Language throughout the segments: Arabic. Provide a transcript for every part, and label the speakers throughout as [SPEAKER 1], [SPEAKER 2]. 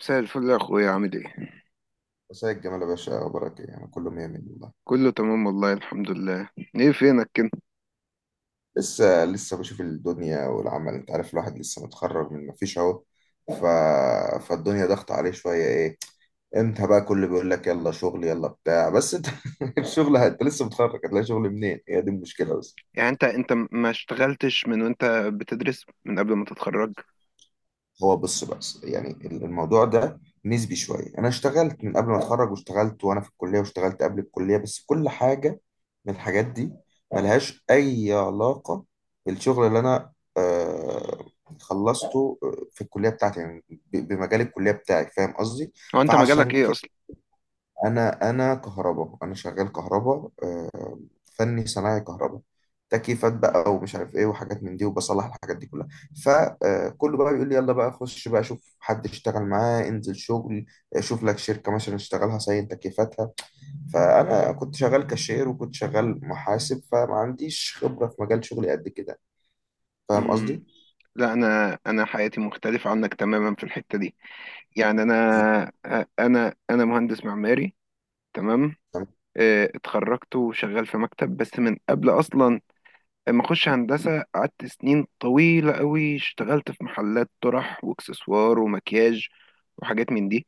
[SPEAKER 1] مساء الفل يا اخويا، عامل ايه؟
[SPEAKER 2] مساء الجمال يا باشا، اخبارك ايه؟ انا كله مية مية والله.
[SPEAKER 1] كله تمام والله، الحمد لله. ايه فينك كده؟
[SPEAKER 2] لسه بشوف الدنيا والعمل، انت عارف الواحد لسه متخرج من مفيش اهو. ف... فالدنيا ضغط عليه شويه، ايه امتى بقى كله بيقول لك يلا شغل يلا بتاع؟ بس انت الشغل انت لسه متخرج، هتلاقي شغل منين؟ هي دي المشكله بس.
[SPEAKER 1] يعني انت ما اشتغلتش من وانت بتدرس من قبل ما تتخرج؟
[SPEAKER 2] هو بص، بس يعني الموضوع ده نسبي شويه. انا اشتغلت من قبل ما اتخرج، واشتغلت وانا في الكليه، واشتغلت قبل الكليه، بس كل حاجه من الحاجات دي ملهاش أي علاقة بالشغل اللي أنا آه، خلصته في الكلية بتاعتي، يعني بمجال الكلية بتاعي، فاهم قصدي؟
[SPEAKER 1] هو انت مجالك
[SPEAKER 2] فعشان
[SPEAKER 1] ايه
[SPEAKER 2] كده
[SPEAKER 1] اصلا؟
[SPEAKER 2] أنا كهرباء، أنا شغال كهرباء، فني صناعي كهرباء، تكييفات بقى ومش عارف ايه وحاجات من دي، وبصلح الحاجات دي كلها. فكله بقى بيقول لي يلا بقى خش بقى شوف حد اشتغل معاه، انزل شغل، شوف لك شركة مثلا اشتغلها صين تكييفاتها. فانا كنت شغال كاشير وكنت شغال محاسب، فما عنديش خبره في مجال شغلي قد كده، فاهم
[SPEAKER 1] امم
[SPEAKER 2] قصدي؟
[SPEAKER 1] لا، انا حياتي مختلفة عنك تماما في الحتة دي. يعني انا، انا مهندس معماري، تمام.
[SPEAKER 2] تمام.
[SPEAKER 1] اتخرجت وشغال في مكتب، بس من قبل اصلا ما اخش هندسة قعدت سنين طويلة قوي اشتغلت في محلات طرح واكسسوار ومكياج وحاجات من دي.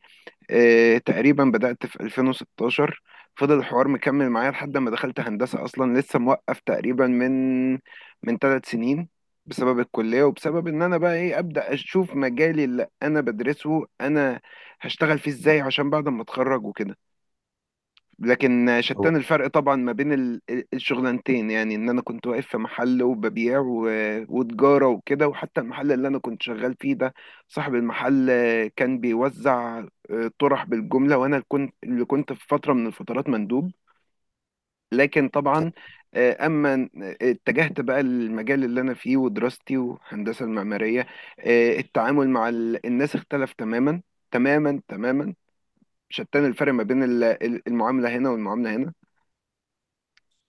[SPEAKER 1] تقريبا بدأت في 2016، فضل الحوار مكمل معايا لحد ما دخلت هندسة. أصلا لسه موقف تقريبا من من 3 سنين بسبب الكلية، وبسبب إن أنا بقى إيه أبدأ أشوف مجالي اللي أنا بدرسه أنا هشتغل فيه إزاي عشان بعد ما أتخرج وكده. لكن شتان الفرق طبعا ما بين الشغلانتين، يعني ان انا كنت واقف في محل وببيع وتجارة وكده، وحتى المحل اللي انا كنت شغال فيه ده صاحب المحل كان بيوزع طرح بالجملة، وانا اللي كنت في فترة من الفترات مندوب. لكن طبعا، اما اتجهت بقى للمجال اللي انا فيه ودراستي والهندسة المعمارية، التعامل مع الناس اختلف تماما، تماما تماما. شتان الفرق ما بين المعاملة هنا والمعاملة هنا.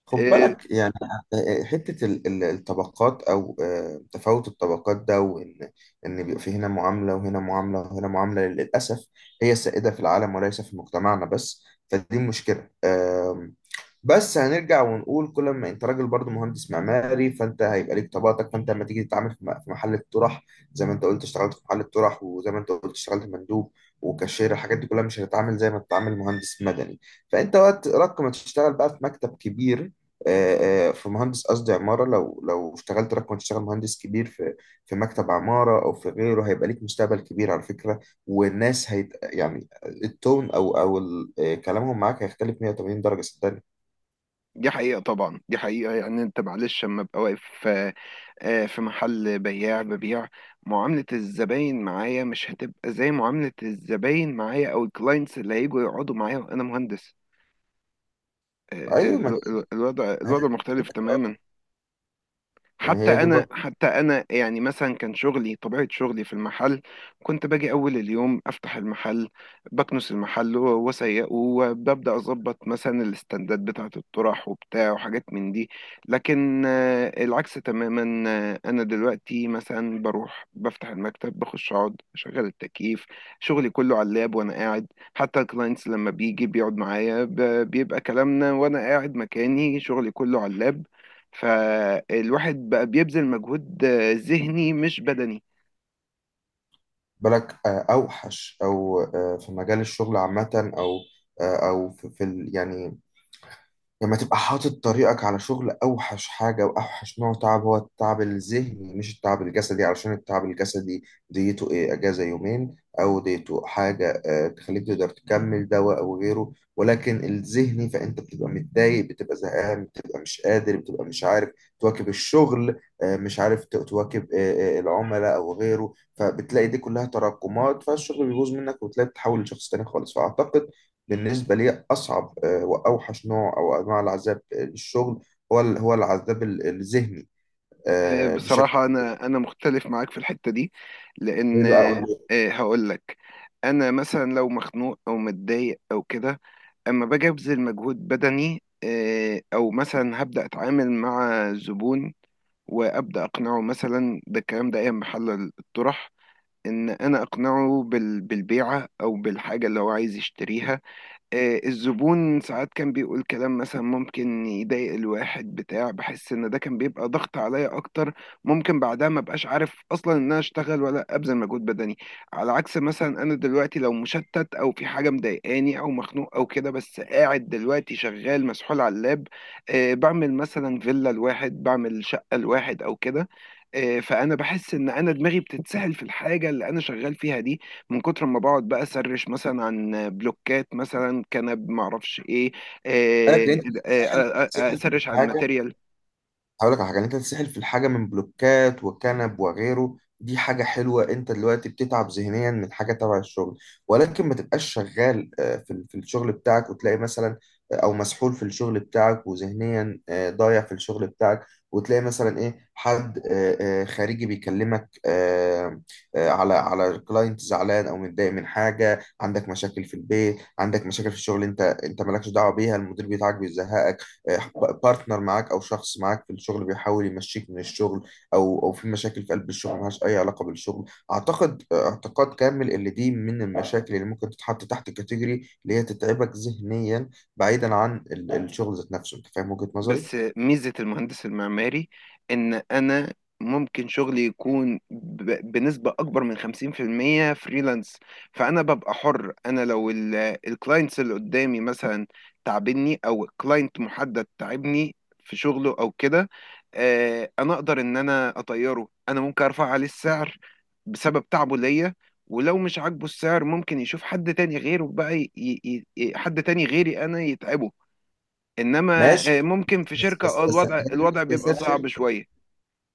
[SPEAKER 2] خد
[SPEAKER 1] آه،
[SPEAKER 2] بالك يعني، حته الطبقات او تفاوت الطبقات ده، وان بيبقى في هنا معامله وهنا معامله وهنا معامله، للاسف هي السائده في العالم وليس في مجتمعنا بس. فدي مشكله. بس هنرجع ونقول، كل ما انت راجل برضو مهندس معماري فانت هيبقى ليك طبقاتك. فانت لما تيجي تتعامل في في محل الطرح، زي ما انت قلت اشتغلت في محل الطرح، وزي ما انت قلت اشتغلت مندوب وكاشير، الحاجات دي كلها مش هتتعامل زي ما تتعامل مهندس مدني. فانت وقت رق ما تشتغل بقى في مكتب كبير، في مهندس قصدي عمارة، لو اشتغلت رقم تشتغل مهندس كبير في في مكتب عمارة أو في غيره، هيبقى ليك مستقبل كبير على فكرة. والناس هيت يعني التون أو كلامهم معاك هيختلف 180 درجة، صدقني.
[SPEAKER 1] دي حقيقة طبعا، دي حقيقة. يعني انت معلش، لما ابقى واقف في محل بياع ببيع، معاملة الزباين معايا مش هتبقى زي معاملة الزباين معايا او الكلاينتس اللي هيجوا يقعدوا معايا وانا مهندس.
[SPEAKER 2] ايوه، ما هي
[SPEAKER 1] الوضع مختلف تماما.
[SPEAKER 2] يعني
[SPEAKER 1] حتى
[SPEAKER 2] هي دي
[SPEAKER 1] انا،
[SPEAKER 2] بقى.
[SPEAKER 1] حتى انا، يعني مثلا كان شغلي، طبيعه شغلي في المحل كنت باجي اول اليوم افتح المحل، بكنس المحل واسيقه، وببدا اظبط مثلا الاستندات بتاعه الطرح وبتاع وحاجات من دي. لكن العكس تماما. انا دلوقتي مثلا بروح بفتح المكتب، بخش اقعد اشغل التكييف، شغلي كله على اللاب وانا قاعد. حتى الكلاينتس لما بيجي بيقعد معايا بيبقى كلامنا وانا قاعد مكاني، شغلي كله على اللاب. فالواحد بقى بيبذل مجهود ذهني مش بدني.
[SPEAKER 2] بالك آه، اوحش او في مجال الشغل عامه، او يعني لما تبقى حاطط طريقك على شغل، أوحش حاجة وأوحش نوع تعب هو التعب الذهني مش التعب الجسدي. علشان التعب الجسدي ديته إيه، أجازة يومين أو ديته حاجة تخليك تقدر تكمل دواء أو غيره. ولكن الذهني، فأنت بتبقى متضايق، بتبقى زهقان، بتبقى مش قادر، بتبقى مش عارف تواكب الشغل، مش عارف تواكب العملاء أو غيره. فبتلاقي دي كلها تراكمات، فالشغل بيبوظ منك وتلاقي بتتحول لشخص تاني خالص. فأعتقد بالنسبة لي أصعب وأوحش نوع أو أنواع العذاب للشغل هو هو العذاب الذهني، بشكل
[SPEAKER 1] بصراحة أنا مختلف معاك في الحتة دي،
[SPEAKER 2] كبير
[SPEAKER 1] لأن
[SPEAKER 2] بقى، أقول لك.
[SPEAKER 1] هقول لك. أنا مثلا لو مخنوق أو متضايق أو كده، أما باجي أبذل مجهود بدني، أو مثلا هبدأ أتعامل مع زبون وأبدأ أقنعه مثلا، ده الكلام ده أيام محل الطرح، إن أنا أقنعه بالبيعة أو بالحاجة اللي هو عايز يشتريها. الزبون ساعات كان بيقول كلام مثلا ممكن يضايق الواحد بتاع، بحس ان ده كان بيبقى ضغط عليا اكتر. ممكن بعدها ما بقاش عارف اصلا ان انا اشتغل ولا ابذل مجهود بدني. على عكس مثلا انا دلوقتي، لو مشتت او في حاجه مضايقاني او مخنوق او كده، بس قاعد دلوقتي شغال مسحول على اللاب، بعمل مثلا فيلا لواحد، بعمل شقه لواحد او كده. فانا بحس ان انا دماغي بتتسهل في الحاجه اللي انا شغال فيها دي، من كتر ما بقعد بقى اسرش مثلا عن بلوكات، مثلا كنب معرفش ايه.
[SPEAKER 2] بالك، لأن
[SPEAKER 1] آه،
[SPEAKER 2] أنت بتتسحل بتتسحل في
[SPEAKER 1] اسرش عن
[SPEAKER 2] الحاجة.
[SPEAKER 1] ماتيريال.
[SPEAKER 2] هقول لك على حاجه، إن انت تتسحل في الحاجه من بلوكات وكنب وغيره، دي حاجه حلوه. انت دلوقتي بتتعب ذهنيا من حاجه تبع الشغل، ولكن ما تبقاش شغال في الشغل بتاعك وتلاقي مثلا او مسحول في الشغل بتاعك، وذهنيا ضايع في الشغل بتاعك، وتلاقي مثلا ايه حد خارجي بيكلمك على على كلاينت زعلان او متضايق من حاجه، عندك مشاكل في البيت، عندك مشاكل في الشغل انت مالكش دعوه بيها، المدير بتاعك بيزهقك، بارتنر معاك او شخص معاك في الشغل بيحاول يمشيك من الشغل، او في مشاكل في قلب الشغل ملهاش اي علاقه بالشغل. اعتقد اعتقاد كامل اللي دي من المشاكل اللي ممكن تتحط تحت كاتيجوري اللي هي تتعبك ذهنيا، بعيدا عن الشغل ذات نفسه. انت فاهم وجهه نظري؟
[SPEAKER 1] بس ميزة المهندس المعماري إن أنا ممكن شغلي يكون بنسبة أكبر من 50% فريلانس. فأنا ببقى حر، أنا لو الكلاينتس اللي قدامي مثلا تعبني، أو كلاينت محدد تعبني في شغله أو كده، أنا أقدر إن أنا أطيره. أنا ممكن أرفع عليه السعر بسبب تعبه ليا، ولو مش عاجبه السعر ممكن يشوف حد تاني غيره بقى حد تاني غيري أنا يتعبه. انما
[SPEAKER 2] ماشي،
[SPEAKER 1] ممكن في
[SPEAKER 2] بس
[SPEAKER 1] شركة،
[SPEAKER 2] بس
[SPEAKER 1] اه،
[SPEAKER 2] بس
[SPEAKER 1] الوضع
[SPEAKER 2] الحاجات
[SPEAKER 1] الوضع
[SPEAKER 2] دي
[SPEAKER 1] بيبقى
[SPEAKER 2] سياسات
[SPEAKER 1] صعب
[SPEAKER 2] شركه.
[SPEAKER 1] شوية.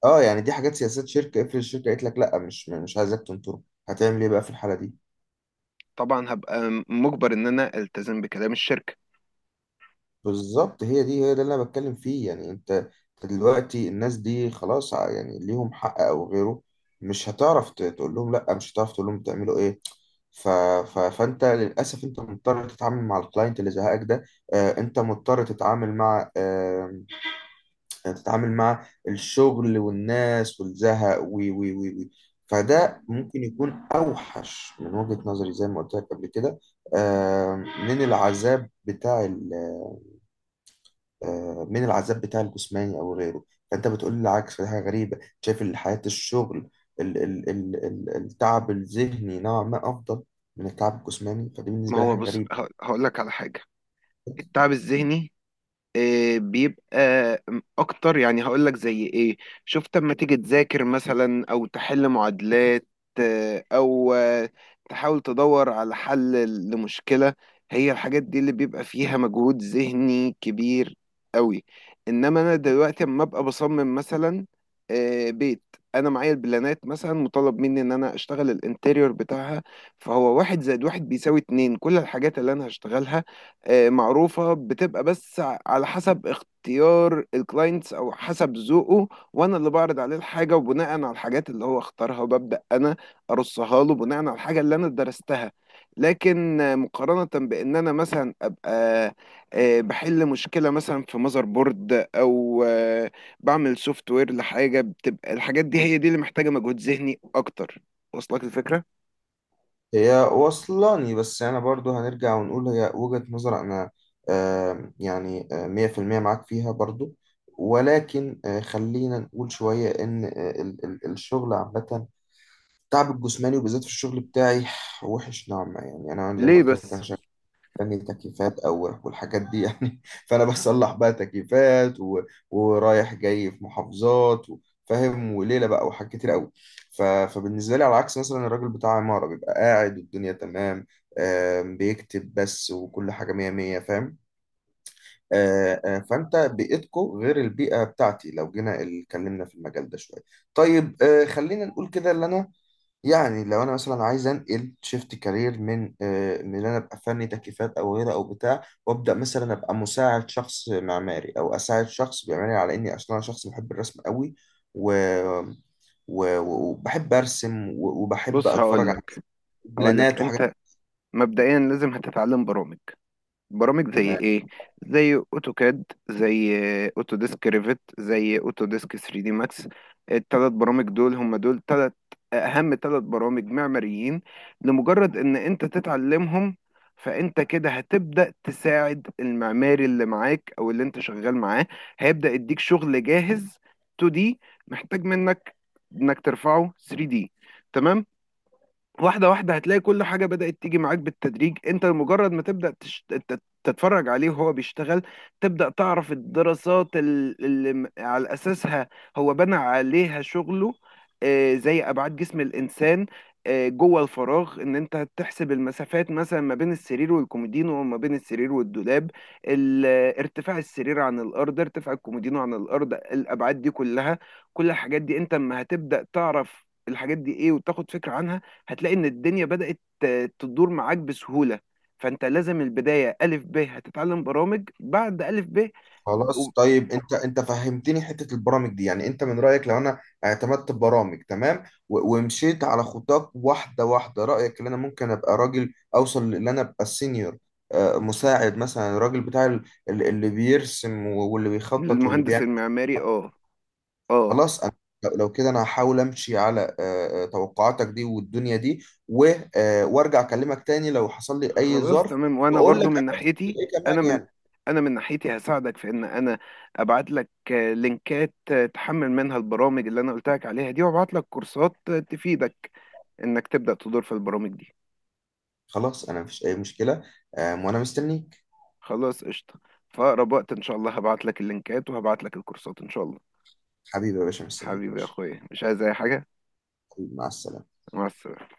[SPEAKER 2] اه يعني دي حاجات سياسات شركه، افرض الشركه قالت لك لا مش عايزك تنطر، هتعمل ايه بقى في الحاله دي؟
[SPEAKER 1] طبعا هبقى مجبر ان انا التزم بكلام الشركة.
[SPEAKER 2] بالظبط، هي دي هي ده اللي انا بتكلم فيه. يعني انت أنت دلوقتي الناس دي خلاص يعني ليهم حق او غيره، مش هتعرف تقول لهم لا، مش هتعرف تقول لهم تعملوا ايه. فانت للاسف انت مضطر تتعامل مع الكلاينت اللي زهقك ده، آه انت مضطر تتعامل مع تتعامل مع الشغل والناس والزهق فده ممكن يكون اوحش من وجهة نظري، زي ما قلت لك قبل كده، آه من العذاب بتاع من العذاب بتاع الجسماني او غيره. فانت بتقول لي العكس، فدي حاجه غريبه. شايف ان حياه الشغل ال ال ال ال التعب الذهني نوعا ما افضل من التعب الجسماني، فدي
[SPEAKER 1] ما
[SPEAKER 2] بالنسبه لي
[SPEAKER 1] هو
[SPEAKER 2] حاجه
[SPEAKER 1] بص،
[SPEAKER 2] غريبه.
[SPEAKER 1] هقول لك على حاجة. التعب الذهني، إيه، بيبقى اكتر. يعني هقول لك زي ايه. شفت اما تيجي تذاكر مثلا او تحل معادلات، آه، او آه، تحاول تدور على حل لمشكلة، هي الحاجات دي اللي بيبقى فيها مجهود ذهني كبير قوي. انما انا دلوقتي اما ابقى بصمم مثلا بيت، انا معايا البلانات مثلا، مطالب مني ان انا اشتغل الانتيريور بتاعها، فهو 1 + 1 = 2. كل الحاجات اللي انا هشتغلها معروفة، بتبقى بس على حسب اختيار الكلاينتس او حسب ذوقه، وانا اللي بعرض عليه الحاجة، وبناء على الحاجات اللي هو اختارها وببدأ انا ارصها له بناء على الحاجة اللي انا درستها. لكن مقارنة بان انا مثلا ابقى بحل مشكلة مثلا في ماذر بورد، او بعمل سوفت وير لحاجة، بتبقى الحاجات دي هي دي اللي محتاجة مجهود ذهني اكتر. وصلك الفكرة؟
[SPEAKER 2] هي وصلاني، بس انا برضو هنرجع ونقول هي وجهه نظر. انا آه، يعني آه، 100% معاك فيها برضو، ولكن خلينا نقول شويه ان آه، ال ال الشغل عامه، التعب الجسماني وبالذات في الشغل بتاعي وحش نوعا ما. يعني انا زي ما
[SPEAKER 1] ليه
[SPEAKER 2] قلت لك انا
[SPEAKER 1] بس؟
[SPEAKER 2] يعني تكييفات او والحاجات دي يعني فانا بصلح بقى تكييفات ورايح جاي في محافظات فاهم، وليله بقى وحاجات كتير قوي. فبالنسبه لي على عكس مثلا الراجل بتاع عماره بيبقى قاعد والدنيا تمام، آم، بيكتب بس وكل حاجه مية مية، فاهم؟ فانت بيئتكو غير البيئه بتاعتي. لو جينا اتكلمنا في المجال ده شويه، طيب خلينا نقول كده، اللي انا يعني لو انا مثلا عايز انقل شيفت كارير من من ان انا ابقى فني تكييفات او غيره او بتاع، وابدا مثلا ابقى مساعد شخص معماري او اساعد شخص بيعملي، على اني اصلا انا شخص بحب الرسم قوي و... وبحب ارسم وبحب
[SPEAKER 1] بص
[SPEAKER 2] اتفرج على
[SPEAKER 1] هقولك، هقولك
[SPEAKER 2] بلانات وحاجات،
[SPEAKER 1] انت مبدئيا لازم هتتعلم برامج. برامج زي
[SPEAKER 2] تمام؟
[SPEAKER 1] ايه؟ زي اوتوكاد، زي اوتوديسك ريفت، زي اوتوديسك 3 دي ماكس. ال3 برامج دول هم دول 3 اهم 3 برامج معماريين. لمجرد ان انت تتعلمهم، فانت كده هتبدأ تساعد المعماري اللي معاك او اللي انت شغال معاه، هيبدأ يديك شغل جاهز 2D محتاج منك انك ترفعه 3D، تمام. واحدة واحدة هتلاقي كل حاجة بدأت تيجي معاك بالتدريج. انت مجرد ما تبدأ تتفرج عليه وهو بيشتغل، تبدأ تعرف الدراسات اللي على أساسها هو بنى عليها شغله. زي أبعاد جسم الإنسان جوه الفراغ، ان انت تحسب المسافات مثلا ما بين السرير والكومودينو، وما بين السرير والدولاب، ال- ارتفاع السرير عن الارض، ارتفاع الكومودينو عن الارض، الابعاد دي كلها. كل الحاجات دي انت اما هتبدأ تعرف الحاجات دي ايه وتاخد فكرة عنها، هتلاقي ان الدنيا بدأت تدور معاك بسهولة. فانت لازم البداية ألف ب، هتتعلم برامج بعد ألف ب و-
[SPEAKER 2] خلاص. طيب انت فهمتني حته البرامج دي. يعني انت من رايك لو انا اعتمدت ببرامج تمام ومشيت على خطاك واحده واحده، رايك ان انا ممكن ابقى راجل اوصل لان انا ابقى السينيور، مساعد مثلا الراجل بتاع اللي بيرسم واللي بيخطط واللي
[SPEAKER 1] للمهندس
[SPEAKER 2] بيعمل.
[SPEAKER 1] المعماري، اه، اه.
[SPEAKER 2] خلاص انا، لو كده انا هحاول امشي على توقعاتك دي والدنيا دي وارجع اكلمك تاني لو حصل لي اي
[SPEAKER 1] خلاص
[SPEAKER 2] ظرف،
[SPEAKER 1] تمام، وانا
[SPEAKER 2] واقول لك
[SPEAKER 1] برضو من
[SPEAKER 2] انا عملت
[SPEAKER 1] ناحيتي،
[SPEAKER 2] ايه
[SPEAKER 1] انا
[SPEAKER 2] كمان
[SPEAKER 1] من
[SPEAKER 2] يعني.
[SPEAKER 1] انا من ناحيتي هساعدك في ان انا ابعت لك لينكات، تحمل منها البرامج اللي انا قلت لك عليها دي، وابعت لك كورسات تفيدك انك تبدأ تدور في البرامج دي.
[SPEAKER 2] خلاص، انا مفيش اي مشكله، وانا مستنيك.
[SPEAKER 1] خلاص قشطة، فأقرب وقت ان شاء الله هبعت لك اللينكات وهبعت لك الكورسات، ان شاء الله.
[SPEAKER 2] حبيبي يا باشا، مستنيك يا
[SPEAKER 1] حبيبي يا
[SPEAKER 2] باشا.
[SPEAKER 1] اخويا، مش عايز اي حاجة.
[SPEAKER 2] حبيبي، مع السلامة.
[SPEAKER 1] مع السلامة.